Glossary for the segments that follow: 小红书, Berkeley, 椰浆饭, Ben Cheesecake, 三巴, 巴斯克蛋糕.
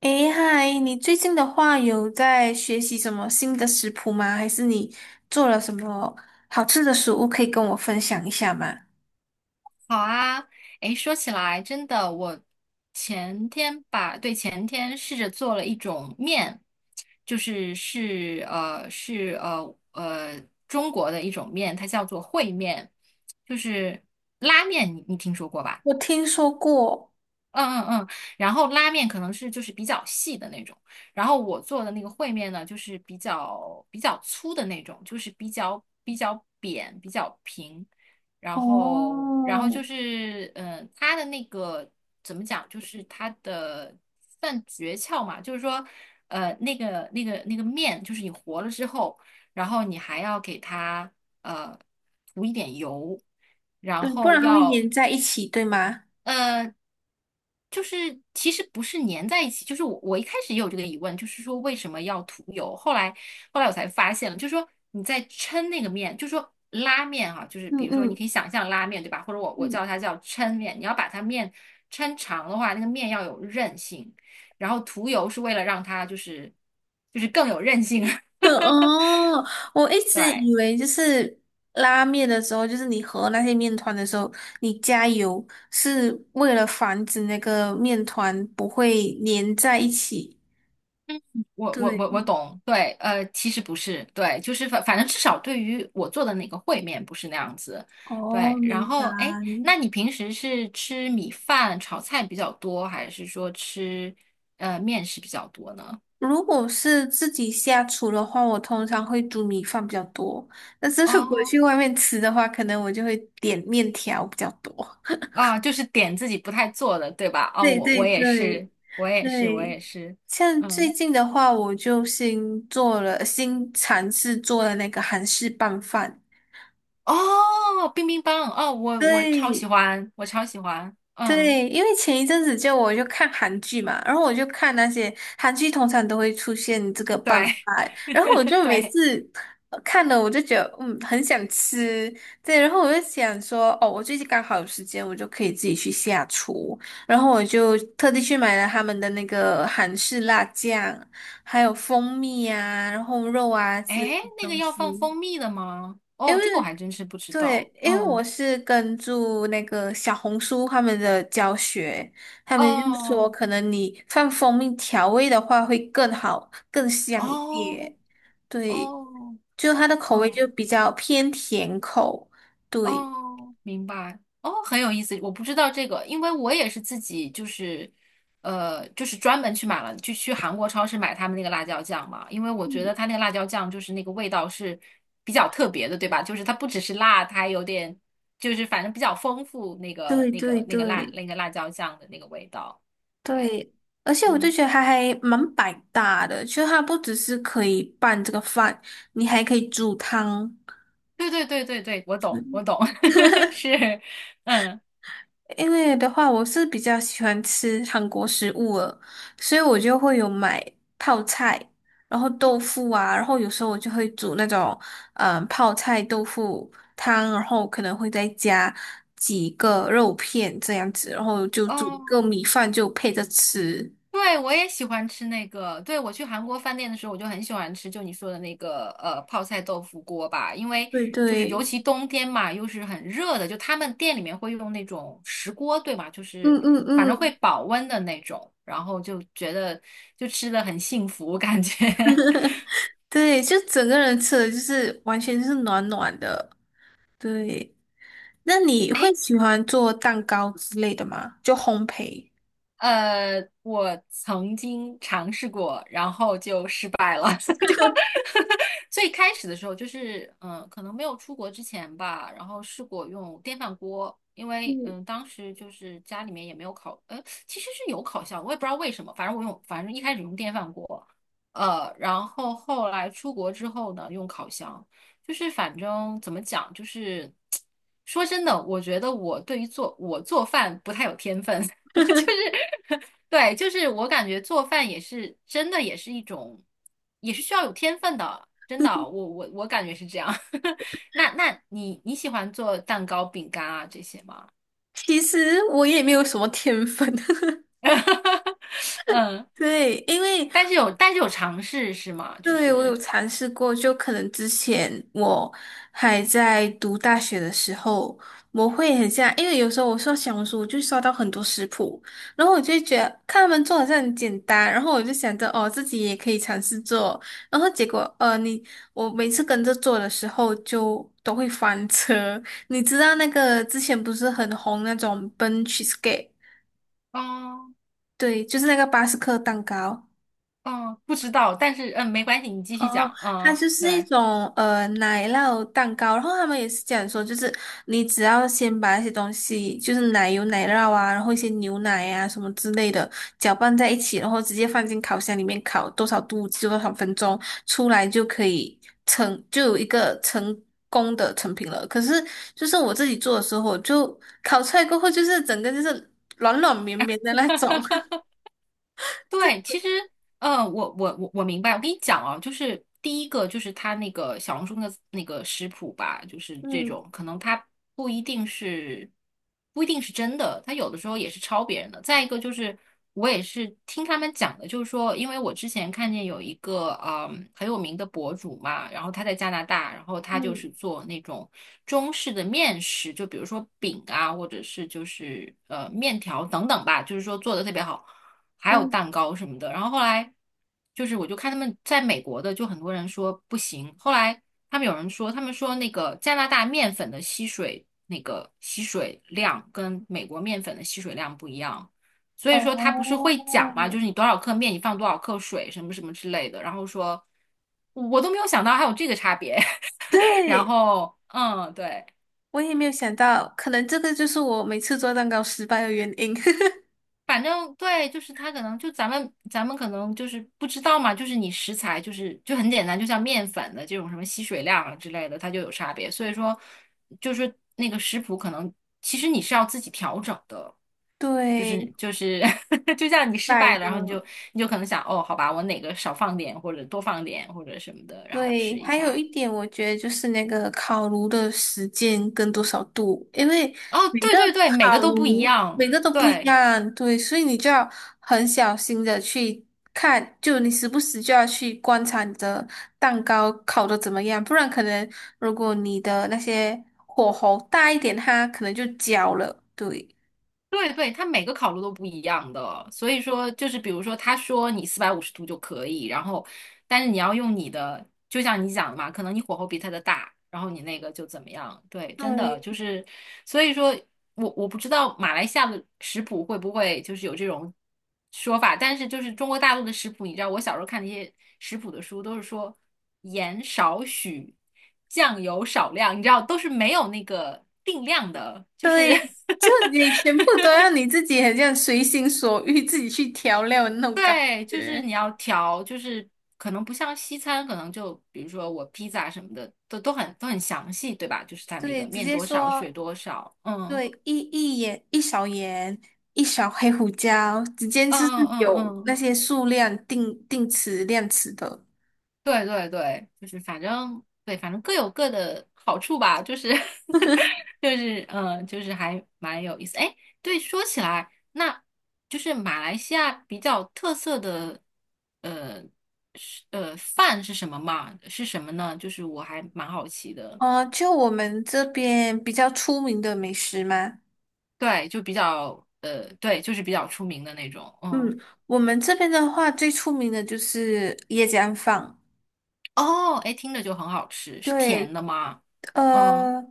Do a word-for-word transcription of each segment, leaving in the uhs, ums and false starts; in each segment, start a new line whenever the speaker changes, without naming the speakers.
诶，嗨，你最近的话有在学习什么新的食谱吗？还是你做了什么好吃的食物可以跟我分享一下吗？
好啊，诶，说起来真的，我前天吧，对，前天试着做了一种面，就是是呃是呃呃中国的一种面，它叫做烩面，就是拉面，你你听说过吧？
我听说过。
嗯嗯嗯，然后拉面可能是就是比较细的那种，然后我做的那个烩面呢，就是比较比较粗的那种，就是比较比较扁、比较平，然
哦，
后然后就是嗯，呃它的那个怎么讲，就是它的算诀窍嘛，就是说呃那个那个那个面，就是你和了之后，然后你还要给它呃涂一点油。然
嗯，不
后
然它会
要
粘在一起，对吗？
呃，就是其实不是粘在一起，就是我我一开始也有这个疑问，就是说为什么要涂油？后来后来我才发现了，就是说你在抻那个面，就是说拉面哈、就是
嗯
比如说你可
嗯
以想象拉面对吧？或者我我
嗯，
叫它叫抻面，你要把它面抻长的话，那个面要有韧性，然后涂油是为了让它就是就是更有韧性。
对 哦，我一直
对。
以为就是拉面的时候，就是你和那些面团的时候，你加油是为了防止那个面团不会粘在一起。
嗯，我我我我
对。
懂，对，呃，其实不是，对，就是反反正至少对于我做的那个烩面不是那样子，
哦，
对。然
明白。
后，哎，那你平时是吃米饭炒菜比较多，还是说吃呃面食比较多呢？
如果是自己下厨的话，我通常会煮米饭比较多。但是如果
哦
去外面吃的话，可能我就会点面条比较多。
啊，就是点自己不太做的，对吧？哦，
对
我
对
我也是，
对
我也是，我
对，
也是，
像最
嗯，
近的话，我就新做了，新尝试做了那个韩式拌饭。
哦，冰冰棒，哦，我我超喜
对，
欢，我超喜欢，嗯，
对，因为前一阵子就我就看韩剧嘛，然后我就看那些韩剧，通常都会出现这个拌
对，
饭，然后我 就每
对。
次呃看了，我就觉得嗯很想吃。对，然后我就想说哦，我最近刚好有时间，我就可以自己去下厨，然后我就特地去买了他们的那个韩式辣酱，还有蜂蜜啊，然后肉啊之类
哎，
的
那个
东
要放
西。
蜂蜜的吗？
因
哦，
为。
这个我还真是不知
对，
道。
因为我
嗯，
是跟住那个小红书他们的教学，他们就说
哦，
可能你放蜂蜜调味的话会更好、更香一
哦，
点。对，
哦，
就它的口味
哦，
就比较偏甜口。对，
哦，明白。哦，很有意思。我不知道这个，因为我也是自己就是，呃，就是专门去买了，就去韩国超市买他们那个辣椒酱嘛。因为我觉
嗯，
得它那个辣椒酱就是那个味道是比较特别的，对吧？就是它不只是辣，它还有点就是反正比较丰富那个
对
那
对
个那个辣
对
那个辣椒酱的那个味道。对，
对，而且我就
嗯。
觉得它还蛮百搭的，就它不只是可以拌这个饭，你还可以煮汤。
对对对对对，我懂，我懂，是，嗯，
因为的话，我是比较喜欢吃韩国食物了，所以我就会有买泡菜，然后豆腐啊，然后有时候我就会煮那种嗯泡菜豆腐汤，然后可能会再加几个肉片这样子，然后就煮一
哦，
个米饭就配着吃。
对，我也喜欢吃那个，对，我去韩国饭店的时候，我就很喜欢吃，就你说的那个呃泡菜豆腐锅吧，因为
对
就是尤
对，
其冬天嘛，又是很热的，就他们店里面会用那种石锅，对吧？就
嗯
是
嗯
反正会
嗯，
保温的那种，然后就觉得就吃的很幸福，感觉。
对，就整个人吃的就是完全就是暖暖的。对，那你
哎
会喜欢做蛋糕之类的吗？就烘焙。
呃，我曾经尝试过，然后就失败了，就 最开始的时候就是，嗯、可能没有出国之前吧，然后试过用电饭锅，因为
嗯。
嗯，当时就是家里面也没有烤，呃，其实是有烤箱，我也不知道为什么，反正我用，反正一开始用电饭锅，呃，然后后来出国之后呢，用烤箱，就是反正怎么讲，就是 说真的，我觉得我对于做我做饭不太有天分。就 是 对，就是我感觉做饭也是真的，也是一种，也是需要有天分的，真的，我我我感觉是这样。那那你你喜欢做蛋糕、饼干啊这些吗？
其实我也没有什么天分，
嗯，
对，因为，
但是有但是有尝试是吗？就
对，我有
是，
尝试过，就可能之前我还在读大学的时候，我会很像，因为有时候我刷小红书，我就刷到很多食谱，然后我就觉得看他们做好像很简单，然后我就想着哦，自己也可以尝试做，然后结果呃，你我每次跟着做的时候就都会翻车。你知道那个之前不是很红那种 Ben Cheesecake。
哦
对，就是那个巴斯克蛋糕。
哦，不知道，但是嗯，没关系，你继续
哦，
讲，
它
嗯，
就是一
对。
种呃奶酪蛋糕，然后他们也是这样说，就是你只要先把那些东西，就是奶油、奶酪啊，然后一些牛奶啊什么之类的搅拌在一起，然后直接放进烤箱里面烤多少度就多少分钟，出来就可以成，就有一个成功的成品了。可是就是我自己做的时候，就烤出来过后，就是整个就是软软绵绵的那种。对，
对，其实，呃，我我我我明白。我跟你讲啊，就是第一个就是他那个小红书的那个食谱吧，就是这
嗯
种，可能他不一定是不一定是真的，他有的时候也是抄别人的。再一个就是，我也是听他们讲的，就是说，因为我之前看见有一个嗯很有名的博主嘛，然后他在加拿大，然后他就是
嗯
做那种中式的面食，就比如说饼啊，或者是就是呃面条等等吧，就是说做的特别好。还有
嗯。
蛋糕什么的。然后后来就是我就看他们在美国的，就很多人说不行。后来他们有人说，他们说那个加拿大面粉的吸水那个吸水量跟美国面粉的吸水量不一样，所以说他不是
哦，
会讲嘛，就是你多少克面你放多少克水什么什么之类的，然后说。我都没有想到还有这个差别，然
对，
后嗯，对。
我也没有想到，可能这个就是我每次做蛋糕失败的原因。
反正对，就是它可能就咱们咱们可能就是不知道嘛，就是你食材就是就很简单，就像面粉的这种什么吸水量啊之类的，它就有差别。所以说，就是那个食谱可能其实你是要自己调整的，就是
对，
就是 就像你失
买
败了，然后你
的。
就你就可能想哦，好吧，我哪个少放点或者多放点或者什么的，然后试
对，
一
还有
下。
一点，我觉得就是那个烤炉的时间跟多少度，因为
哦，
每
对
个
对对，每
烤
个都
炉
不一
每
样，
个都不一
对。
样，对，所以你就要很小心的去看，就你时不时就要去观察你的蛋糕烤的怎么样，不然可能如果你的那些火候大一点，它可能就焦了。对，
对对，它每个烤炉都不一样的，所以说就是比如说，他说你四百五十度就可以，然后但是你要用你的，就像你讲的嘛，可能你火候比他的大，然后你那个就怎么样？对，真的
对，
就是，所以说我我不知道马来西亚的食谱会不会就是有这种说法，但是就是中国大陆的食谱，你知道我小时候看那些食谱的书都是说盐少许，酱油少量，你知道都是没有那个定量的，就是
对，就 你全部都要你自己很像随心所欲自己去调料的那种感
对，就是
觉。
你要调，就是可能不像西餐，可能就比如说我披萨什么的，都都很都很详细，对吧？就是它那个
对，直
面
接
多少，水
说，
多少，嗯
对，一一盐一勺盐，一勺黑胡椒，直接
嗯
就是
嗯嗯
有那
嗯，
些数量定定词量词的。
对对对，就是反正对，反正各有各的好处吧，就是 就是嗯，就是还蛮有意思。哎，对，说起来，那就是马来西亚比较特色的呃是呃饭是什么嘛？是什么呢？就是我还蛮好奇的。
呃，就我们这边比较出名的美食吗？
对，就比较呃，对，就是比较出名的那种。嗯，
嗯，我们这边的话，最出名的就是椰浆饭。
哦，哎，听着就很好吃，是甜
对，
的吗？嗯，
呃，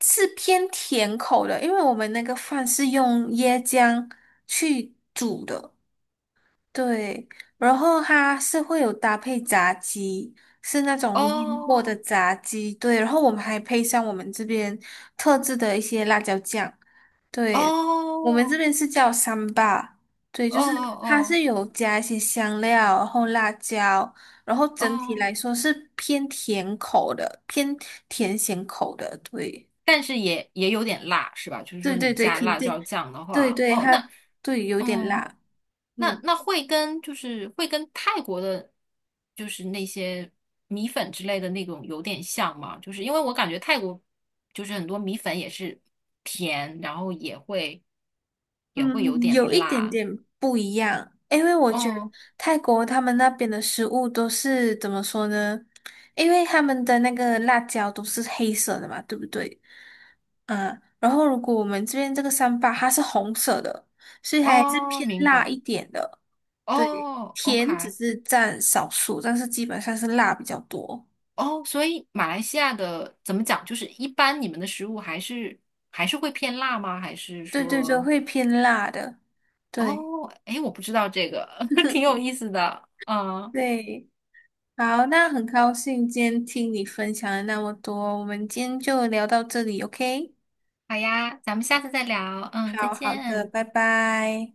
是偏甜口的，因为我们那个饭是用椰浆去煮的。对，然后它是会有搭配炸鸡，是那种腌过
哦，
的炸鸡，对，然后我们还配上我们这边特制的一些辣椒酱，对，我们这
哦，
边是叫三巴，对，就
哦
是它
哦
是有加一些香料，然后辣椒，然后
哦
整体
哦，
来说是偏甜口的，偏甜咸口的，对，
但是也也有点辣，是吧？就是
对
说你
对对，
加
肯
辣椒
定，
酱的
对
话，
对，
哦，
它
那
对有点
嗯。
辣，
那
嗯。
那会跟就是会跟泰国的，就是那些米粉之类的那种有点像吗？就是因为我感觉泰国就是很多米粉也是甜，然后也会也会有
嗯，
点
有一点
辣。
点不一样，因为我觉得
哦
泰国他们那边的食物都是怎么说呢？因为他们的那个辣椒都是黑色的嘛，对不对？嗯，然后如果我们这边这个三八它是红色的，所以还是
哦，
偏
明
辣
白。
一点的。对，
哦
甜只
，OK，
是占少数，但是基本上是辣比较多。
哦，所以马来西亚的怎么讲？就是一般你们的食物还是还是会偏辣吗？还是
对对对，
说，
会偏辣的。对
哦，诶，我不知道这个，挺有意思的。嗯。
对，好，那很高兴今天听你分享了那么多，我们今天就聊到这里，OK？
好呀，咱们下次再聊。嗯，再
好好的，
见。
拜拜。